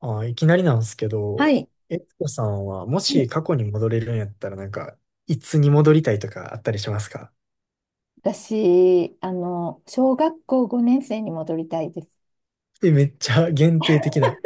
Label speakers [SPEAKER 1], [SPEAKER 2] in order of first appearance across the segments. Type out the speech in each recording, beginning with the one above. [SPEAKER 1] あ、いきなりなんですけ
[SPEAKER 2] は
[SPEAKER 1] ど、
[SPEAKER 2] い。
[SPEAKER 1] えつこさんはも
[SPEAKER 2] は
[SPEAKER 1] し
[SPEAKER 2] い、
[SPEAKER 1] 過去に戻れるんやったらいつに戻りたいとかあったりしますか？
[SPEAKER 2] 私、小学校5年生に戻りたいです。
[SPEAKER 1] え、めっちゃ限定的な。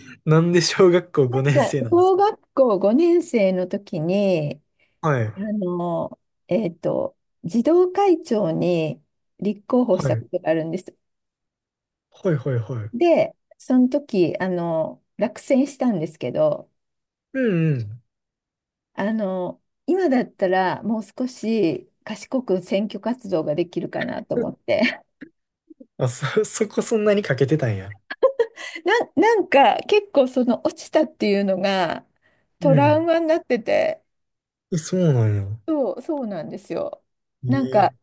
[SPEAKER 1] なんで小学校
[SPEAKER 2] なん
[SPEAKER 1] 5年
[SPEAKER 2] か、
[SPEAKER 1] 生なんです
[SPEAKER 2] 小
[SPEAKER 1] か？
[SPEAKER 2] 学校5年生の時に、
[SPEAKER 1] は
[SPEAKER 2] あ
[SPEAKER 1] い。
[SPEAKER 2] の、えっと、児童会長に立候補し
[SPEAKER 1] は
[SPEAKER 2] た
[SPEAKER 1] い。
[SPEAKER 2] ことがあるんです。
[SPEAKER 1] はいはいはい。
[SPEAKER 2] で、その時、落選したんですけど、
[SPEAKER 1] うんうん。
[SPEAKER 2] あの、今だったらもう少し賢く選挙活動ができるかなと思っ て。
[SPEAKER 1] そこそんなにかけてたんや。
[SPEAKER 2] な、なんか結構その落ちたっていうのが
[SPEAKER 1] う
[SPEAKER 2] トラウ
[SPEAKER 1] ん。
[SPEAKER 2] マになってて、
[SPEAKER 1] え、そうなんや。
[SPEAKER 2] そう、そうなんですよ。なん
[SPEAKER 1] え
[SPEAKER 2] か、
[SPEAKER 1] え、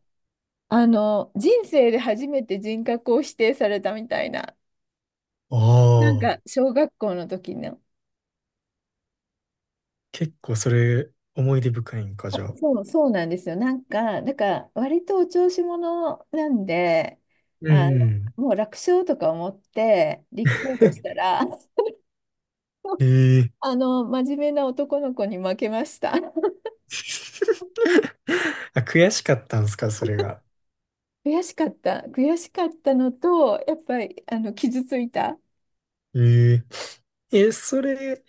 [SPEAKER 2] 人生で初めて人格を否定されたみたいな、
[SPEAKER 1] あ
[SPEAKER 2] なん
[SPEAKER 1] あ、
[SPEAKER 2] か小学校の時の。
[SPEAKER 1] 結構それ思い出深いんか、じゃあ。
[SPEAKER 2] そう、そうなんですよ。なんから割とお調子者なんで、
[SPEAKER 1] うんうん。
[SPEAKER 2] もう楽勝とか思って立候補した ら、
[SPEAKER 1] ええ、
[SPEAKER 2] 真面目な男の子に負けました。
[SPEAKER 1] あ、悔しかったんすか、それが。
[SPEAKER 2] 悔しかった。悔しかったのと、やっぱり、傷ついた。
[SPEAKER 1] ええ、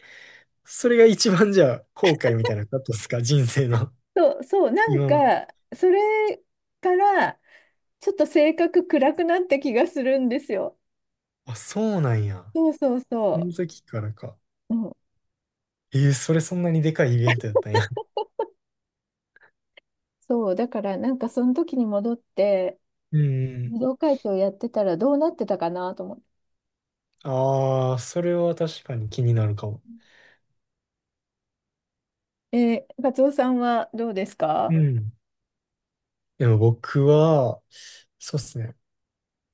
[SPEAKER 1] それが一番じゃあ、後悔みたいなことですか人生の。
[SPEAKER 2] そう、そう、なん
[SPEAKER 1] 今まで。
[SPEAKER 2] か、それから、ちょっと性格暗くなった気がするんですよ。
[SPEAKER 1] あ、そうなんや。
[SPEAKER 2] そうそう
[SPEAKER 1] その
[SPEAKER 2] そ
[SPEAKER 1] 時からか。
[SPEAKER 2] う。うん、
[SPEAKER 1] えー、それそんなにでかいイベントやったんや。
[SPEAKER 2] そう、だから、なんか、その時に戻って、
[SPEAKER 1] うん。
[SPEAKER 2] 武道会長やってたらどうなってたかなと思って。
[SPEAKER 1] ああ、それは確かに気になるかも。
[SPEAKER 2] カツオさんはどうですか？
[SPEAKER 1] うん。でも僕は、そうっすね。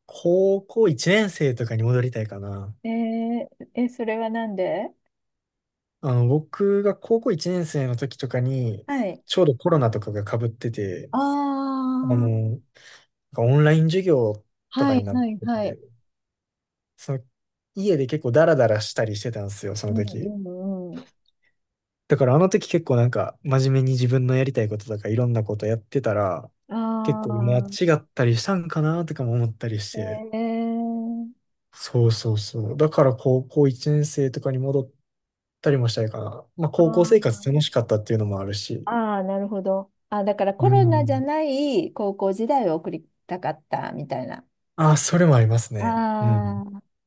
[SPEAKER 1] 高校1年生とかに戻りたいかな。
[SPEAKER 2] えー、それはなんで？
[SPEAKER 1] 僕が高校1年生の時とかに、
[SPEAKER 2] はい。
[SPEAKER 1] ちょうどコロナとかが被ってて、
[SPEAKER 2] あ
[SPEAKER 1] あ
[SPEAKER 2] あ、
[SPEAKER 1] の、なんオンライン授業と
[SPEAKER 2] は
[SPEAKER 1] か
[SPEAKER 2] い
[SPEAKER 1] になっ
[SPEAKER 2] はい
[SPEAKER 1] て
[SPEAKER 2] はい。
[SPEAKER 1] て、その、家で結構ダラダラしたりしてたんですよ、そ
[SPEAKER 2] う
[SPEAKER 1] の
[SPEAKER 2] ん
[SPEAKER 1] 時。
[SPEAKER 2] うんうん。
[SPEAKER 1] だからあの時結構真面目に自分のやりたいこととかいろんなことやってたら、結
[SPEAKER 2] あ
[SPEAKER 1] 構間
[SPEAKER 2] あ。
[SPEAKER 1] 違ったりしたんかなとかも思ったりし
[SPEAKER 2] え
[SPEAKER 1] て。
[SPEAKER 2] ー、
[SPEAKER 1] そうそうそう。だから高校1年生とかに戻ったりもしたいかな。まあ
[SPEAKER 2] あ
[SPEAKER 1] 高校生活楽し
[SPEAKER 2] ー
[SPEAKER 1] かったっていうのもあるし。
[SPEAKER 2] ああ、なるほど。あ、だから
[SPEAKER 1] う
[SPEAKER 2] コロナじゃ
[SPEAKER 1] ん。
[SPEAKER 2] ない高校時代を送りたかったみたいな。
[SPEAKER 1] あ、それもありますね。う
[SPEAKER 2] あ
[SPEAKER 1] ん。
[SPEAKER 2] あ、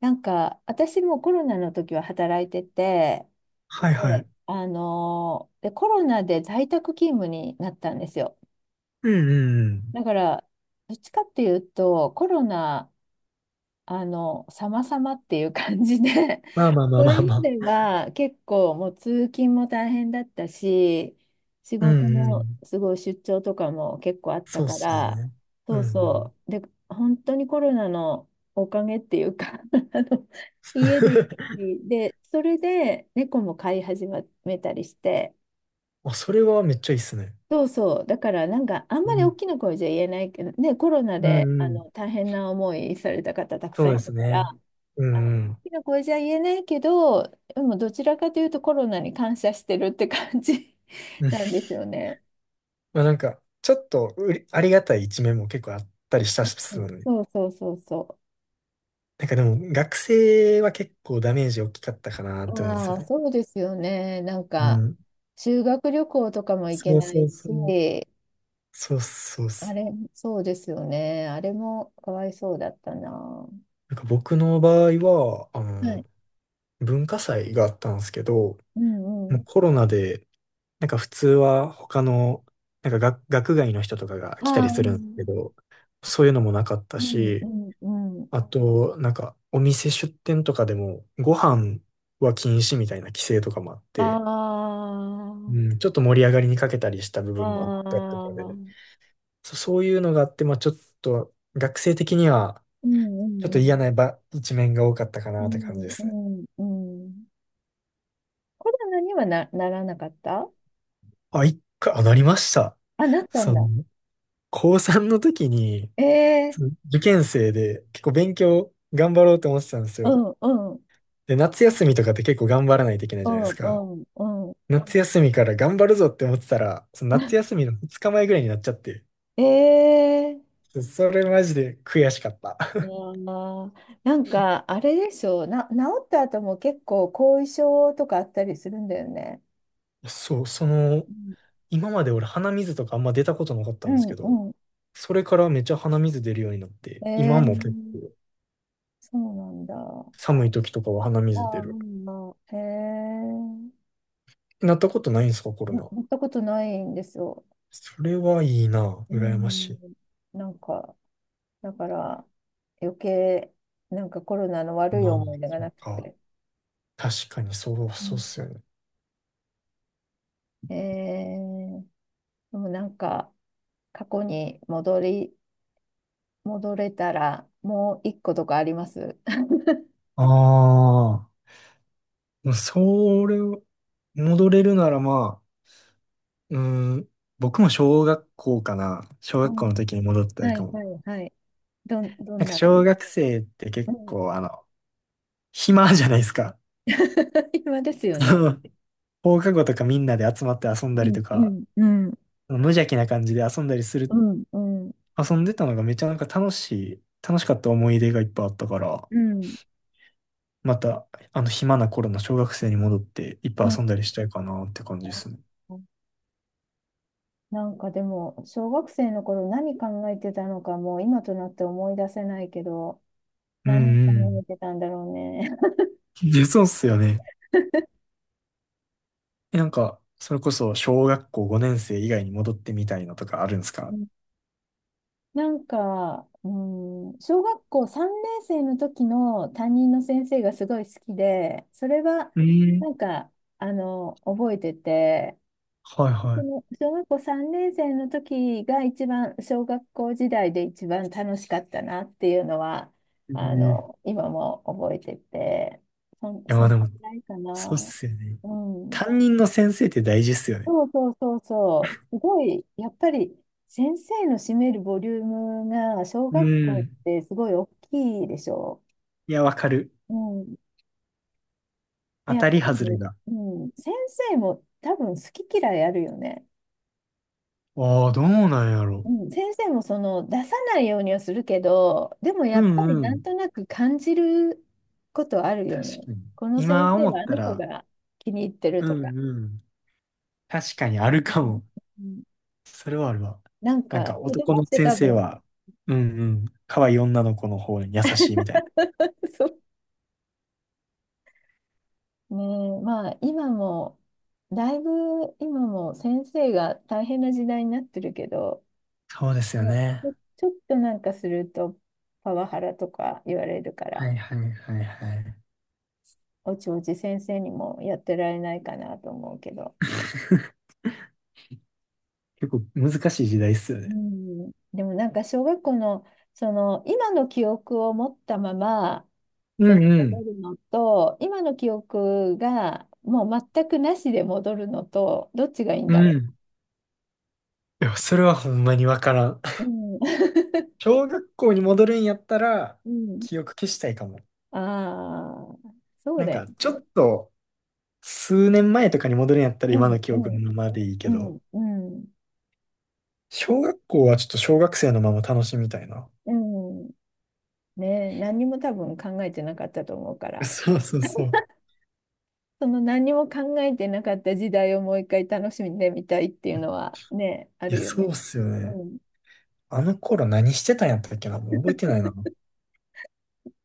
[SPEAKER 2] なんか私もコロナの時は働いてて、
[SPEAKER 1] はいは
[SPEAKER 2] で
[SPEAKER 1] い。
[SPEAKER 2] あのーで、コロナで在宅勤務になったんですよ。
[SPEAKER 1] うんうんうん。
[SPEAKER 2] だから、どっちかっていうと、コロナ、様々っていう感じで
[SPEAKER 1] まあまあ ま
[SPEAKER 2] そ
[SPEAKER 1] あま
[SPEAKER 2] れ
[SPEAKER 1] あ
[SPEAKER 2] ま
[SPEAKER 1] ま
[SPEAKER 2] で
[SPEAKER 1] あ。
[SPEAKER 2] は結構もう通勤も大変だったし、仕
[SPEAKER 1] う
[SPEAKER 2] 事
[SPEAKER 1] んう
[SPEAKER 2] も
[SPEAKER 1] ん。
[SPEAKER 2] すごい出張とかも結構あった
[SPEAKER 1] そうっ
[SPEAKER 2] か
[SPEAKER 1] すよ
[SPEAKER 2] ら、
[SPEAKER 1] ね。う
[SPEAKER 2] そ
[SPEAKER 1] ん
[SPEAKER 2] う
[SPEAKER 1] うん。
[SPEAKER 2] そう。で、本当にコロナのおかげっていうか あの、家でゆっく り、で、それで猫も飼い始めたりして、
[SPEAKER 1] まあ、それはめっちゃいいっすね。
[SPEAKER 2] そうそう。だからなんかあん
[SPEAKER 1] う
[SPEAKER 2] まり大
[SPEAKER 1] ん、
[SPEAKER 2] きな声じゃ言えないけど、ね、コロナ
[SPEAKER 1] う
[SPEAKER 2] で
[SPEAKER 1] んうん。
[SPEAKER 2] 大変な思いされた方たく
[SPEAKER 1] そ
[SPEAKER 2] さ
[SPEAKER 1] う
[SPEAKER 2] んい
[SPEAKER 1] で
[SPEAKER 2] る
[SPEAKER 1] す
[SPEAKER 2] から、
[SPEAKER 1] ね。う
[SPEAKER 2] あの
[SPEAKER 1] んうん。
[SPEAKER 2] きの子じゃ言えないけど、でもどちらかというとコロナに感謝してるって感じ
[SPEAKER 1] う ん。
[SPEAKER 2] なんですよね。
[SPEAKER 1] まあなんか、ちょっとうりありがたい一面も結構あったりしたしするので。
[SPEAKER 2] うんそうそうそうそ
[SPEAKER 1] なんかでも、学生は結構ダメージ大きかったかなっ
[SPEAKER 2] う。
[SPEAKER 1] て思うんです
[SPEAKER 2] あ
[SPEAKER 1] よ
[SPEAKER 2] あ、
[SPEAKER 1] ね。
[SPEAKER 2] そうですよね。なん
[SPEAKER 1] う
[SPEAKER 2] か、
[SPEAKER 1] ん。
[SPEAKER 2] 修学旅行とかも行け
[SPEAKER 1] そう
[SPEAKER 2] な
[SPEAKER 1] そ
[SPEAKER 2] い
[SPEAKER 1] うそ
[SPEAKER 2] し、
[SPEAKER 1] う。そうそうっ
[SPEAKER 2] あ
[SPEAKER 1] す。
[SPEAKER 2] れ、そうですよね。あれもかわいそうだったな。は
[SPEAKER 1] なんか僕の場合は、
[SPEAKER 2] い。
[SPEAKER 1] 文化祭があったんですけど、
[SPEAKER 2] うんう
[SPEAKER 1] もう
[SPEAKER 2] ん。
[SPEAKER 1] コロナで、なんか普通は他の、なんか学、学外の人とかが来た
[SPEAKER 2] ああ、
[SPEAKER 1] り
[SPEAKER 2] う
[SPEAKER 1] するんですけ
[SPEAKER 2] ん
[SPEAKER 1] ど、そういうのもなかった
[SPEAKER 2] うんう
[SPEAKER 1] し、
[SPEAKER 2] んうん。
[SPEAKER 1] あと、なんか、お店出店とかでも、ご飯は禁止みたいな規制とかもあって、
[SPEAKER 2] あ
[SPEAKER 1] うん、ちょっと盛り上がりにかけたりした部
[SPEAKER 2] あ、
[SPEAKER 1] 分もあったりと
[SPEAKER 2] ああ、
[SPEAKER 1] か
[SPEAKER 2] う
[SPEAKER 1] で、
[SPEAKER 2] ん
[SPEAKER 1] そういうのがあって、まあちょっと、学生的には、
[SPEAKER 2] うん
[SPEAKER 1] ちょっと
[SPEAKER 2] う
[SPEAKER 1] 嫌な
[SPEAKER 2] ん。
[SPEAKER 1] ば一面が多かったか
[SPEAKER 2] う
[SPEAKER 1] なって感じで
[SPEAKER 2] んう
[SPEAKER 1] すね。
[SPEAKER 2] んうん。コロナにはならなかった？
[SPEAKER 1] あ、一回、あ、なりました。
[SPEAKER 2] あ、なったん
[SPEAKER 1] そ
[SPEAKER 2] だ。
[SPEAKER 1] の、高3の時に、
[SPEAKER 2] え
[SPEAKER 1] その
[SPEAKER 2] え、
[SPEAKER 1] 受験生で結構勉強頑張ろうと思ってたんです
[SPEAKER 2] う
[SPEAKER 1] よ。
[SPEAKER 2] ん、うん、
[SPEAKER 1] で、夏休みとかって結構頑張らないといけない
[SPEAKER 2] う
[SPEAKER 1] じゃないです
[SPEAKER 2] ん、う
[SPEAKER 1] か。
[SPEAKER 2] ん、うん。
[SPEAKER 1] 夏休みから頑張るぞって思ってたら、その夏休みの2日前ぐらいになっちゃって、
[SPEAKER 2] ええ、
[SPEAKER 1] それマジで悔しかった。
[SPEAKER 2] あー、なんか、あれでしょう。治った後も結構後遺症とかあったりするんだよね。
[SPEAKER 1] そう、その、
[SPEAKER 2] うん、
[SPEAKER 1] 今まで俺鼻水とかあんま出たことなかっ
[SPEAKER 2] う
[SPEAKER 1] たんです
[SPEAKER 2] ん、
[SPEAKER 1] け
[SPEAKER 2] う
[SPEAKER 1] ど、
[SPEAKER 2] ん。
[SPEAKER 1] それからめっちゃ鼻水出るようになって、今
[SPEAKER 2] ええ、
[SPEAKER 1] も結構
[SPEAKER 2] そうなんだ。あ
[SPEAKER 1] 寒い時とかは鼻水
[SPEAKER 2] あ、
[SPEAKER 1] 出
[SPEAKER 2] う
[SPEAKER 1] る。
[SPEAKER 2] ん、まあ、へえ、
[SPEAKER 1] なったことないんですか、コロナ。
[SPEAKER 2] やったことないんですよ。
[SPEAKER 1] それはいいな、
[SPEAKER 2] う
[SPEAKER 1] 羨ましい。
[SPEAKER 2] ん、なんか、だから余計なんかコロナの悪い
[SPEAKER 1] まあ、
[SPEAKER 2] 思い出が
[SPEAKER 1] そっ
[SPEAKER 2] なく
[SPEAKER 1] か。
[SPEAKER 2] て。
[SPEAKER 1] 確かに
[SPEAKER 2] う
[SPEAKER 1] そうっ
[SPEAKER 2] ん、
[SPEAKER 1] すよね。
[SPEAKER 2] えー、でもなんか過去に戻れたらもう一個とかあります？
[SPEAKER 1] ああ、まあそれを戻れるならまあ、うーん、僕も小学校かな。小
[SPEAKER 2] う
[SPEAKER 1] 学校の
[SPEAKER 2] ん、
[SPEAKER 1] 時に戻ったり
[SPEAKER 2] は
[SPEAKER 1] か
[SPEAKER 2] い
[SPEAKER 1] も。
[SPEAKER 2] はいはい。ど
[SPEAKER 1] な
[SPEAKER 2] ん
[SPEAKER 1] んか
[SPEAKER 2] なあ
[SPEAKER 1] 小
[SPEAKER 2] り、
[SPEAKER 1] 学生って
[SPEAKER 2] う
[SPEAKER 1] 結
[SPEAKER 2] ん、
[SPEAKER 1] 構あの、暇じゃないですか。
[SPEAKER 2] 今ですよね。
[SPEAKER 1] 放課後とかみんなで集まって遊ん
[SPEAKER 2] う
[SPEAKER 1] だり
[SPEAKER 2] ん
[SPEAKER 1] と
[SPEAKER 2] う
[SPEAKER 1] か、
[SPEAKER 2] んうん
[SPEAKER 1] 無邪気な感じで遊んだりす
[SPEAKER 2] う
[SPEAKER 1] る、
[SPEAKER 2] んうん
[SPEAKER 1] 遊んでたのがめっちゃなんか楽しい、楽しかった思い出がいっぱいあったから、
[SPEAKER 2] うん
[SPEAKER 1] またあの暇な頃の小学生に戻っていっぱ
[SPEAKER 2] う
[SPEAKER 1] い遊
[SPEAKER 2] ん、
[SPEAKER 1] んだりしたいかなって感じですね。
[SPEAKER 2] なんかでも小学生の頃何考えてたのかもう今となって思い出せないけど、
[SPEAKER 1] うん
[SPEAKER 2] 何考
[SPEAKER 1] う
[SPEAKER 2] え
[SPEAKER 1] ん。
[SPEAKER 2] てたんだろうね。
[SPEAKER 1] いや、そうっすよね。え、なんか、それこそ小学校5年生以外に戻ってみたいのとかあるんです
[SPEAKER 2] う
[SPEAKER 1] か？
[SPEAKER 2] ん、なんか、うん、小学校3年生の時の担任の先生がすごい好きで、それは
[SPEAKER 1] えん、
[SPEAKER 2] なんか、覚えてて、
[SPEAKER 1] はい
[SPEAKER 2] そ
[SPEAKER 1] は
[SPEAKER 2] の小学校3年生の時が一番、小学校時代で一番楽しかったなっていうのは、
[SPEAKER 1] い。えん、い
[SPEAKER 2] 今も覚えてて、
[SPEAKER 1] や、ま
[SPEAKER 2] そ
[SPEAKER 1] あ
[SPEAKER 2] の
[SPEAKER 1] で
[SPEAKER 2] く
[SPEAKER 1] も、
[SPEAKER 2] らいか
[SPEAKER 1] そうっ
[SPEAKER 2] な。
[SPEAKER 1] すよね。
[SPEAKER 2] うん。
[SPEAKER 1] 担任の先生って大事っすよね。
[SPEAKER 2] そうそうそうそう。すごい、やっぱり先生の占めるボリュームが小
[SPEAKER 1] う
[SPEAKER 2] 学校っ
[SPEAKER 1] ん。
[SPEAKER 2] てすごい大きいでしょ
[SPEAKER 1] いや、わかる。
[SPEAKER 2] う。うん。で、
[SPEAKER 1] 当
[SPEAKER 2] やっ
[SPEAKER 1] た
[SPEAKER 2] ぱ
[SPEAKER 1] り
[SPEAKER 2] り
[SPEAKER 1] 外れ
[SPEAKER 2] ね、
[SPEAKER 1] が。
[SPEAKER 2] うん、先生も多分好き嫌いあるよね。
[SPEAKER 1] ああ、どうなんやろ。
[SPEAKER 2] うん、先生もその出さないようにはするけど、でもや
[SPEAKER 1] う
[SPEAKER 2] っぱ
[SPEAKER 1] ん
[SPEAKER 2] り
[SPEAKER 1] う
[SPEAKER 2] なん
[SPEAKER 1] ん。
[SPEAKER 2] となく感じることあるよ
[SPEAKER 1] 確
[SPEAKER 2] ね。
[SPEAKER 1] かに。
[SPEAKER 2] この先
[SPEAKER 1] 今
[SPEAKER 2] 生
[SPEAKER 1] 思
[SPEAKER 2] は
[SPEAKER 1] っ
[SPEAKER 2] あ
[SPEAKER 1] た
[SPEAKER 2] の子
[SPEAKER 1] ら、
[SPEAKER 2] が気に入ってる
[SPEAKER 1] う
[SPEAKER 2] とか。
[SPEAKER 1] んうん。確かにある
[SPEAKER 2] う
[SPEAKER 1] か
[SPEAKER 2] ん、
[SPEAKER 1] も。
[SPEAKER 2] うん、
[SPEAKER 1] それはあるわ。
[SPEAKER 2] なん
[SPEAKER 1] なん
[SPEAKER 2] か
[SPEAKER 1] か
[SPEAKER 2] 子
[SPEAKER 1] 男
[SPEAKER 2] 供
[SPEAKER 1] の
[SPEAKER 2] って
[SPEAKER 1] 先
[SPEAKER 2] 多
[SPEAKER 1] 生
[SPEAKER 2] 分
[SPEAKER 1] は、うんうん。可愛い女の子の方に優しいみたいな。
[SPEAKER 2] そうね、え、まあ今もだいぶ今も先生が大変な時代になってるけど、
[SPEAKER 1] そうですよ
[SPEAKER 2] ね、
[SPEAKER 1] ね。
[SPEAKER 2] ちょっとなんかするとパワハラとか言われるか
[SPEAKER 1] は
[SPEAKER 2] ら、
[SPEAKER 1] いはいはいはい。
[SPEAKER 2] おちおち先生にもやってられないかなと思うけど、
[SPEAKER 1] 結構難しい時代っすよ
[SPEAKER 2] う
[SPEAKER 1] ね。
[SPEAKER 2] ん、でもなんか小学校のその今の記憶を持ったまま、
[SPEAKER 1] う
[SPEAKER 2] その
[SPEAKER 1] んう
[SPEAKER 2] 戻
[SPEAKER 1] ん。
[SPEAKER 2] るのと今の記憶がもう全くなしで戻るのとどっちがいいん
[SPEAKER 1] う
[SPEAKER 2] だろ
[SPEAKER 1] ん。いや、それはほんまにわからん。
[SPEAKER 2] う。うん、
[SPEAKER 1] 小学校に戻るんやったら、
[SPEAKER 2] うん、
[SPEAKER 1] 記憶消したいかも。
[SPEAKER 2] ああ、そう
[SPEAKER 1] なん
[SPEAKER 2] だよ
[SPEAKER 1] か、ち
[SPEAKER 2] ね。
[SPEAKER 1] ょっと、数年前とかに戻るんやったら
[SPEAKER 2] う
[SPEAKER 1] 今
[SPEAKER 2] ん、
[SPEAKER 1] の記
[SPEAKER 2] う
[SPEAKER 1] 憶
[SPEAKER 2] ん、
[SPEAKER 1] のままでいいけ
[SPEAKER 2] うん、
[SPEAKER 1] ど、
[SPEAKER 2] うん、
[SPEAKER 1] 小学校はちょっと小学生のまま楽しみたいな。
[SPEAKER 2] うん。ねえ、何にも多分考えてなかったと思うから、
[SPEAKER 1] そうそうそう。
[SPEAKER 2] その何にも考えてなかった時代をもう一回楽しんでみたいっていうのはね、あ
[SPEAKER 1] いや、
[SPEAKER 2] るよ
[SPEAKER 1] そう
[SPEAKER 2] ね。
[SPEAKER 1] っすよね。
[SPEAKER 2] うん、
[SPEAKER 1] あの頃何してたんやったっけな、もう覚えてないな。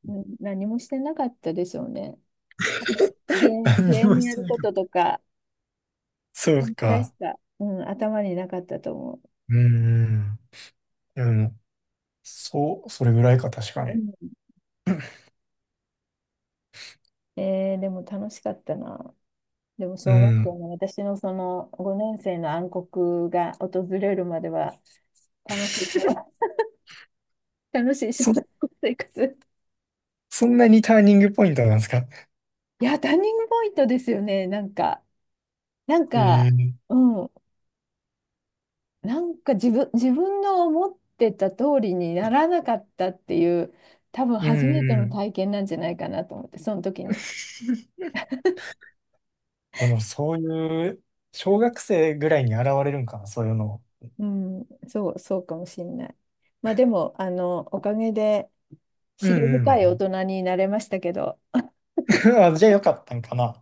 [SPEAKER 2] うん、何もしてなかったでしょうね。
[SPEAKER 1] 何
[SPEAKER 2] ゲ
[SPEAKER 1] に
[SPEAKER 2] ー
[SPEAKER 1] も
[SPEAKER 2] ム
[SPEAKER 1] し
[SPEAKER 2] や
[SPEAKER 1] て
[SPEAKER 2] る
[SPEAKER 1] な
[SPEAKER 2] こ
[SPEAKER 1] かっ
[SPEAKER 2] と
[SPEAKER 1] た。
[SPEAKER 2] とか、
[SPEAKER 1] そ
[SPEAKER 2] そ
[SPEAKER 1] う
[SPEAKER 2] んくらいし
[SPEAKER 1] か。
[SPEAKER 2] か、うん、頭になかったと思う。
[SPEAKER 1] うんうん。でも、そう、それぐらいか、確か
[SPEAKER 2] う
[SPEAKER 1] に。
[SPEAKER 2] ん、でも楽しかったな。でも
[SPEAKER 1] う
[SPEAKER 2] 小学
[SPEAKER 1] ん。
[SPEAKER 2] 校の私のその5年生の暗黒が訪れるまでは楽しい小、楽しい小
[SPEAKER 1] そ
[SPEAKER 2] 学
[SPEAKER 1] ん
[SPEAKER 2] 校生活。
[SPEAKER 1] そんなにターニングポイントなんですか？
[SPEAKER 2] いや、ターニングポイントですよね。なんか、
[SPEAKER 1] ええ、
[SPEAKER 2] うん、なんか自分の思ってた通りにならなかったっていう、多分
[SPEAKER 1] うん
[SPEAKER 2] 初めて
[SPEAKER 1] う
[SPEAKER 2] の
[SPEAKER 1] ん。
[SPEAKER 2] 体験なんじゃないかなと思って、その時に。
[SPEAKER 1] このそういう、小学生ぐらいに現れるんかな、そういうの。
[SPEAKER 2] うん、そう、そうかもしれない。まあでも、おかげで、
[SPEAKER 1] うん
[SPEAKER 2] 思慮
[SPEAKER 1] う
[SPEAKER 2] 深い大
[SPEAKER 1] ん。
[SPEAKER 2] 人になれましたけど、
[SPEAKER 1] あ、じゃあよかったんかな。